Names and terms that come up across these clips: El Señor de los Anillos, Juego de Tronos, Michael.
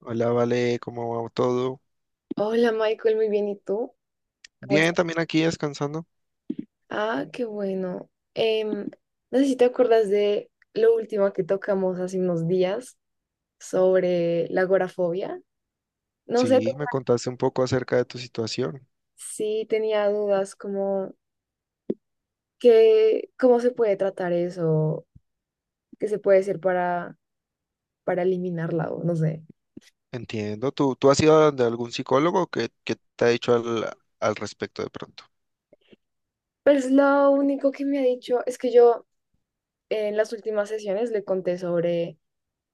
Hola, Vale, ¿cómo va todo? Hola Michael, muy bien. ¿Y tú? ¿Cómo Bien, estás? también aquí descansando. Ah, qué bueno. No sé si te acuerdas de lo último que tocamos hace unos días sobre la agorafobia. No sé Sí, me contaste un poco acerca de tu situación. si tenía dudas como que, cómo se puede tratar eso, qué se puede hacer para eliminarla o no sé. Entiendo. ¿Tú has ido de algún psicólogo que te ha dicho al, al respecto de pronto? Pues lo único que me ha dicho es que yo en las últimas sesiones le conté sobre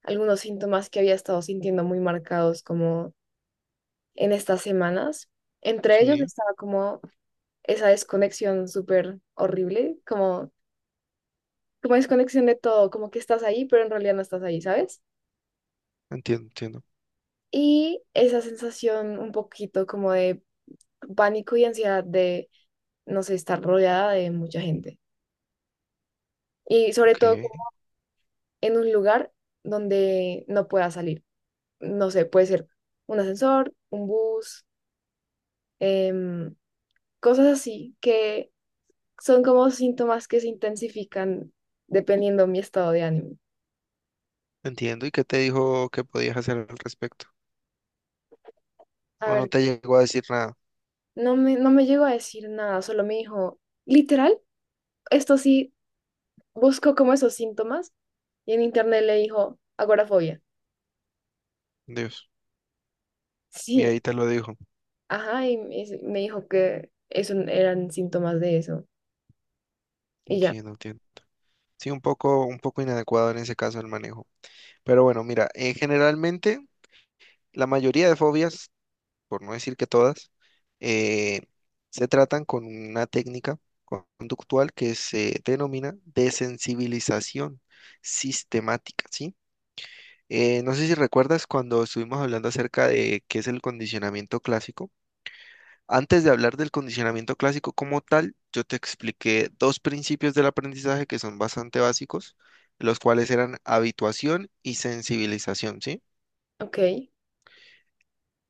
algunos síntomas que había estado sintiendo muy marcados como en estas semanas. Entre ellos Sí, estaba como esa desconexión súper horrible, como desconexión de todo, como que estás ahí, pero en realidad no estás ahí, ¿sabes? entiendo. Y esa sensación un poquito como de pánico y ansiedad de, no sé, estar rodeada de mucha gente. Y sobre Ok, todo como en un lugar donde no pueda salir. No sé, puede ser un ascensor, un bus, em, cosas así que son como síntomas que se intensifican dependiendo de mi estado de ánimo. entiendo. ¿Y qué te dijo que podías hacer al respecto? A ¿O no ver, te llegó a decir nada? No me llegó a decir nada, solo me dijo, literal, esto sí, buscó como esos síntomas y en internet le dijo agorafobia. Dios. Y ahí Sí, te lo dijo. ajá, y me dijo que eso eran síntomas de eso. Y ya, Entiendo, entiendo. Sí, un poco inadecuado en ese caso el manejo. Pero bueno, mira, generalmente la mayoría de fobias por no decir que todas, eh, se tratan con una técnica conductual que se denomina desensibilización sistemática, ¿sí? No sé si recuerdas cuando estuvimos hablando acerca de qué es el condicionamiento clásico. Antes de hablar del condicionamiento clásico como tal, yo te expliqué dos principios del aprendizaje que son bastante básicos, los cuales eran habituación y sensibilización, ¿sí? ok,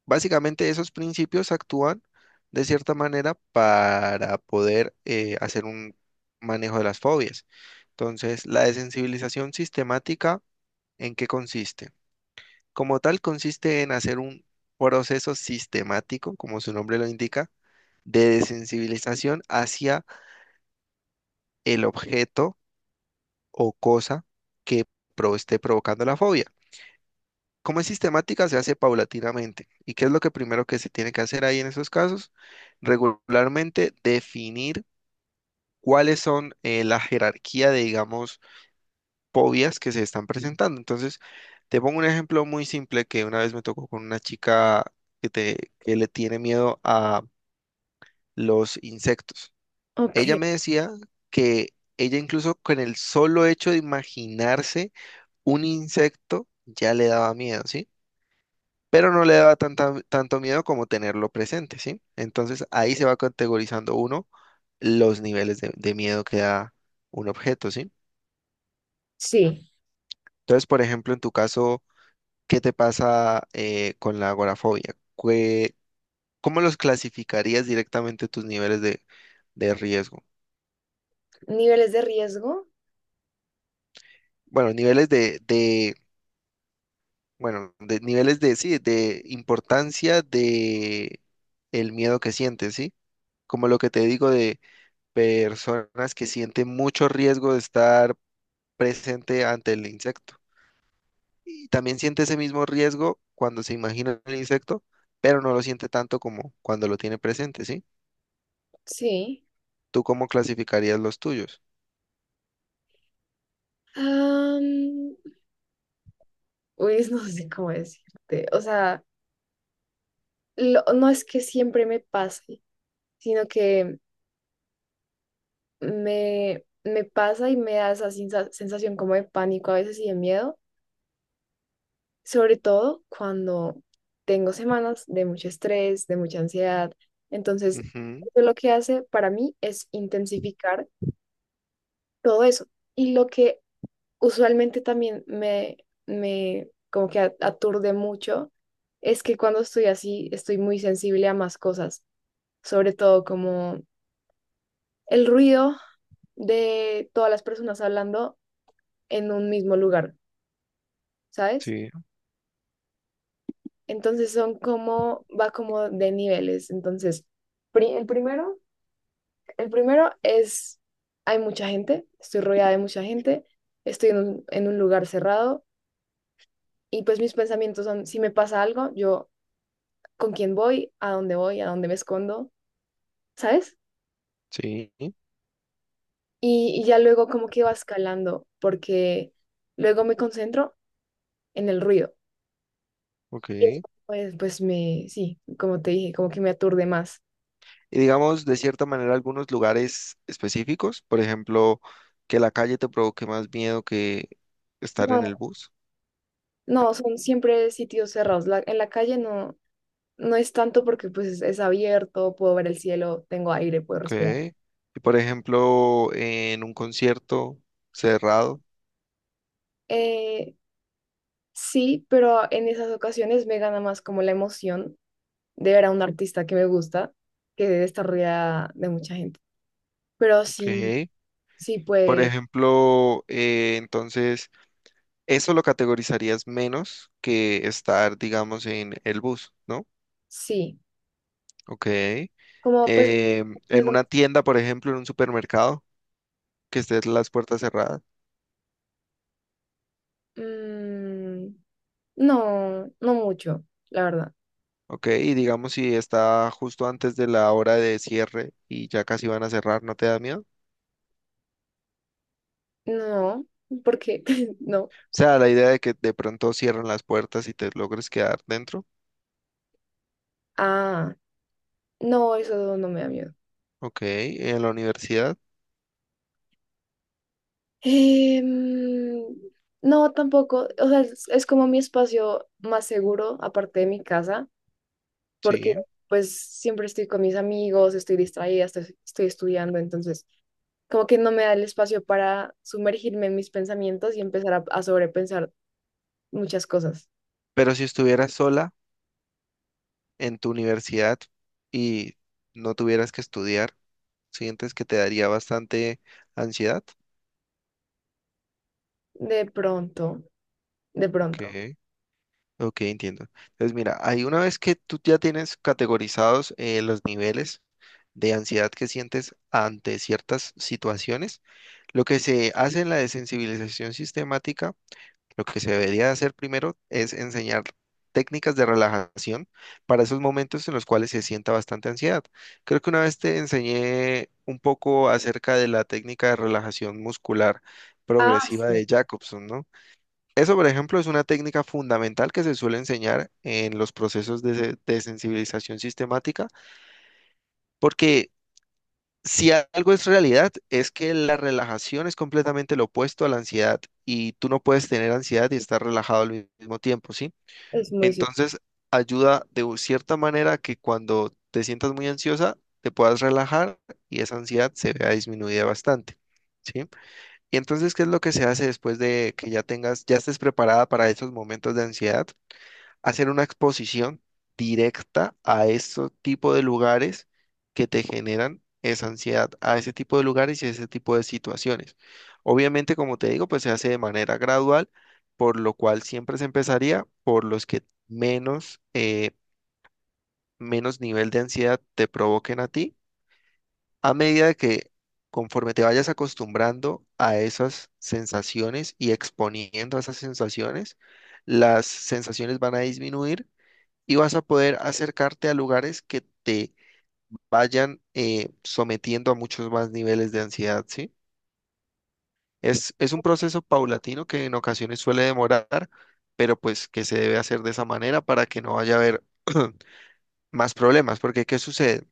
Básicamente esos principios actúan de cierta manera para poder hacer un manejo de las fobias. Entonces, la desensibilización sistemática, ¿en qué consiste? Como tal, consiste en hacer un proceso sistemático, como su nombre lo indica, de desensibilización hacia el objeto o cosa que esté provocando la fobia. Como es sistemática, se hace paulatinamente. ¿Y qué es lo que primero que se tiene que hacer ahí en esos casos? Regularmente definir cuáles son la jerarquía de, digamos, fobias que se están presentando. Entonces, te pongo un ejemplo muy simple que una vez me tocó con una chica que, que le tiene miedo a los insectos. ok, Ella me decía que ella incluso con el solo hecho de imaginarse un insecto ya le daba miedo, ¿sí? Pero no le da tanto miedo como tenerlo presente, ¿sí? Entonces ahí se va categorizando uno los niveles de miedo que da un objeto, ¿sí? sí. Entonces, por ejemplo, en tu caso, ¿qué te pasa con la agorafobia? ¿Qué- ¿Cómo los clasificarías directamente tus niveles de riesgo? ¿Niveles de riesgo? Bueno, niveles de, bueno, de niveles de, sí, de importancia de el miedo que sientes, ¿sí? Como lo que te digo de personas que sienten mucho riesgo de estar presente ante el insecto. Y también siente ese mismo riesgo cuando se imagina el insecto, pero no lo siente tanto como cuando lo tiene presente, ¿sí? Sí. ¿Tú cómo clasificarías los tuyos? Am, Uy, no sé cómo decirte. O sea, no es que siempre me pase, sino que me pasa y me da esa sensación como de pánico a veces y de miedo, sobre todo cuando tengo semanas de mucho estrés, de mucha ansiedad. Entonces, Ujú, eso lo que hace para mí es intensificar todo eso. Y lo que usualmente también me como que aturde mucho es que cuando estoy así, estoy muy sensible a más cosas, sobre todo como el ruido de todas las personas hablando en un mismo lugar, ¿sabes? sí, Entonces son como, va como de niveles. Entonces, pri- el primero, el primero es, hay mucha gente, estoy rodeada de mucha gente, estoy en en un lugar cerrado y pues mis pensamientos son, si me pasa algo, yo con quién voy, a dónde me escondo, ¿sabes? sí, Y ya luego como que va escalando porque luego me concentro en el ruido. Y eso, ok. pues, sí, como te dije, como que me aturde más. Y digamos, de cierta manera, algunos lugares específicos, por ejemplo, que la calle te provoque más miedo que estar en el bus, No, son siempre sitios cerrados. En la calle no es tanto porque pues es abierto, puedo ver el cielo, tengo aire, puedo ok. respirar. Y por ejemplo, en un concierto cerrado. Eh, sí, pero en esas ocasiones me gana más como la emoción de ver a un artista que me gusta que de estar rodeada de mucha gente. Pero Ok. sí, sí, Por pues ejemplo, entonces, eso lo categorizarías menos que estar, digamos, en el bus, ¿no? sí. Ok. Eh, Como pues, es en donde- una tienda, por ejemplo, en un supermercado, que estés las puertas cerradas. mm, no, no mucho, la verdad. Ok. Y digamos, si está justo antes de la hora de cierre y ya casi van a cerrar, ¿no te da miedo? O No, porque no. sea, la idea de que de pronto cierren las puertas y te logres quedar dentro. Ah, no, eso no me da miedo. Ok. En la universidad, Em, no, tampoco. O sea, es como mi espacio más seguro, aparte de mi casa, porque sí. pues siempre estoy con mis amigos, estoy distraída, estoy estudiando, entonces como que no me da el espacio para sumergirme en mis pensamientos y empezar a sobrepensar muchas cosas. Pero si estuvieras sola en tu universidad y no tuvieras que estudiar, ¿sientes que te daría bastante ansiedad? De pronto, de Ok, pronto. ok, entiendo. Entonces, mira, ahí una vez que tú ya tienes categorizados los niveles de ansiedad que sientes ante ciertas situaciones, lo que se hace en la desensibilización sistemática, lo que se debería hacer primero es enseñar técnicas de relajación para esos momentos en los cuales se sienta bastante ansiedad. Creo que una vez te enseñé un poco acerca de la técnica de relajación muscular Ah, progresiva sí, de Jacobson, ¿no? Eso, por ejemplo, es una técnica fundamental que se suele enseñar en los procesos de, de sensibilización sistemática, porque si algo es realidad, es que la relajación es completamente lo opuesto a la ansiedad y tú no puedes tener ansiedad y estar relajado al mismo tiempo, ¿sí? es muy cierto. Entonces, ayuda de cierta manera que cuando te sientas muy ansiosa, te puedas relajar y esa ansiedad se vea disminuida bastante, ¿sí? Y entonces, ¿qué es lo que se hace después de que ya tengas, ya estés preparada para esos momentos de ansiedad? Hacer una exposición directa a estos tipo de lugares que te generan esa ansiedad, a ese tipo de lugares y ese tipo de situaciones. Obviamente, como te digo, pues se hace de manera gradual, por lo cual siempre se empezaría por los que menos, menos nivel de ansiedad te provoquen a ti, a medida de que conforme te vayas acostumbrando a esas sensaciones y exponiendo a esas sensaciones, las sensaciones van a disminuir y vas a poder acercarte a lugares que te vayan sometiendo a muchos más niveles de ansiedad, ¿sí? Es un proceso paulatino que en ocasiones suele demorar, pero pues que se debe hacer de esa manera para que no vaya a haber más problemas, porque ¿qué sucede?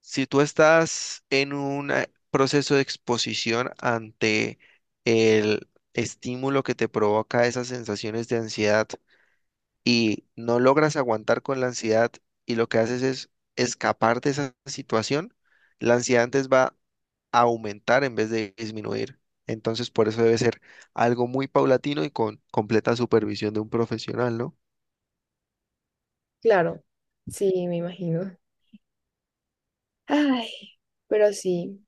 Si tú estás en un proceso de exposición ante el estímulo que te provoca esas sensaciones de ansiedad, y no logras aguantar con la ansiedad y lo que haces es escapar de esa situación, la ansiedad antes va a aumentar en vez de disminuir. Entonces, por eso debe ser algo muy paulatino y con completa supervisión de un profesional, ¿no? Claro, sí, me imagino. Ay, pero sí.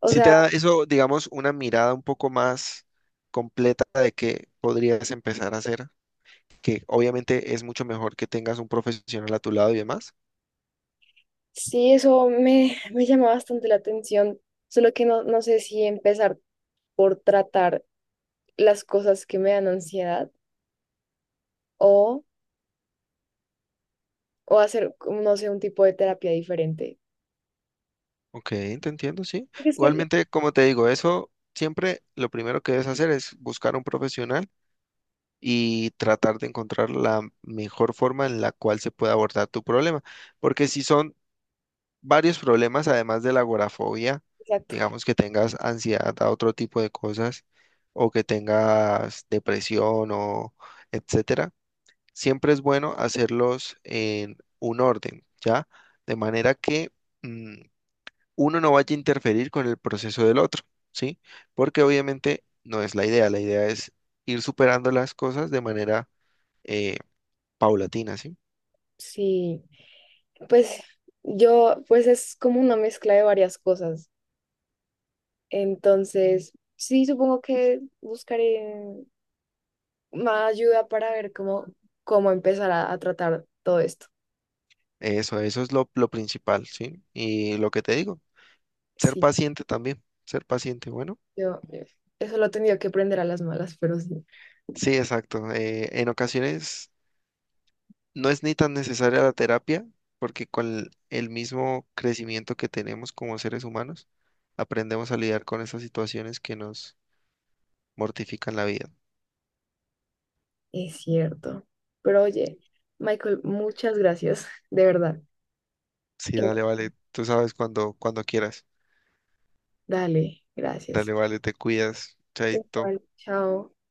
O Si te sea, da eso, digamos, una mirada un poco más completa de qué podrías empezar a hacer, que obviamente es mucho mejor que tengas un profesional a tu lado y demás. sí, eso me llama bastante la atención, solo que no, no sé si empezar por tratar las cosas que me dan ansiedad o, o hacer, como, no sé, un tipo de terapia diferente. Ok, te entiendo, sí. Es que, Igualmente, como te digo, eso siempre lo primero que debes hacer es buscar un profesional y tratar de encontrar la mejor forma en la cual se pueda abordar tu problema. Porque si son varios problemas, además de la agorafobia, exacto, digamos que tengas ansiedad a otro tipo de cosas o que tengas depresión o etcétera, siempre es bueno hacerlos en un orden, ¿ya? De manera que... mm, uno no vaya a interferir con el proceso del otro, ¿sí? Porque obviamente no es la idea es ir superando las cosas de manera eh, paulatina, ¿sí? sí, pues yo, pues es como una mezcla de varias cosas. Entonces, sí, supongo que buscaré más ayuda para ver cómo, cómo empezar a tratar todo esto. Eso es lo principal, ¿sí? Y lo que te digo, ser Sí. paciente también, ser paciente, bueno, Yo, eso lo he tenido que aprender a las malas, pero sí, sí, exacto. En ocasiones no es ni tan necesaria la terapia, porque con el mismo crecimiento que tenemos como seres humanos, aprendemos a lidiar con esas situaciones que nos mortifican la vida. es cierto. Pero oye, Michael, muchas gracias, de verdad. Sí, dale, Eh, vale. Tú sabes cuando quieras. dale, Dale, gracias. vale, te cuidas. Chaito. Igual, chao.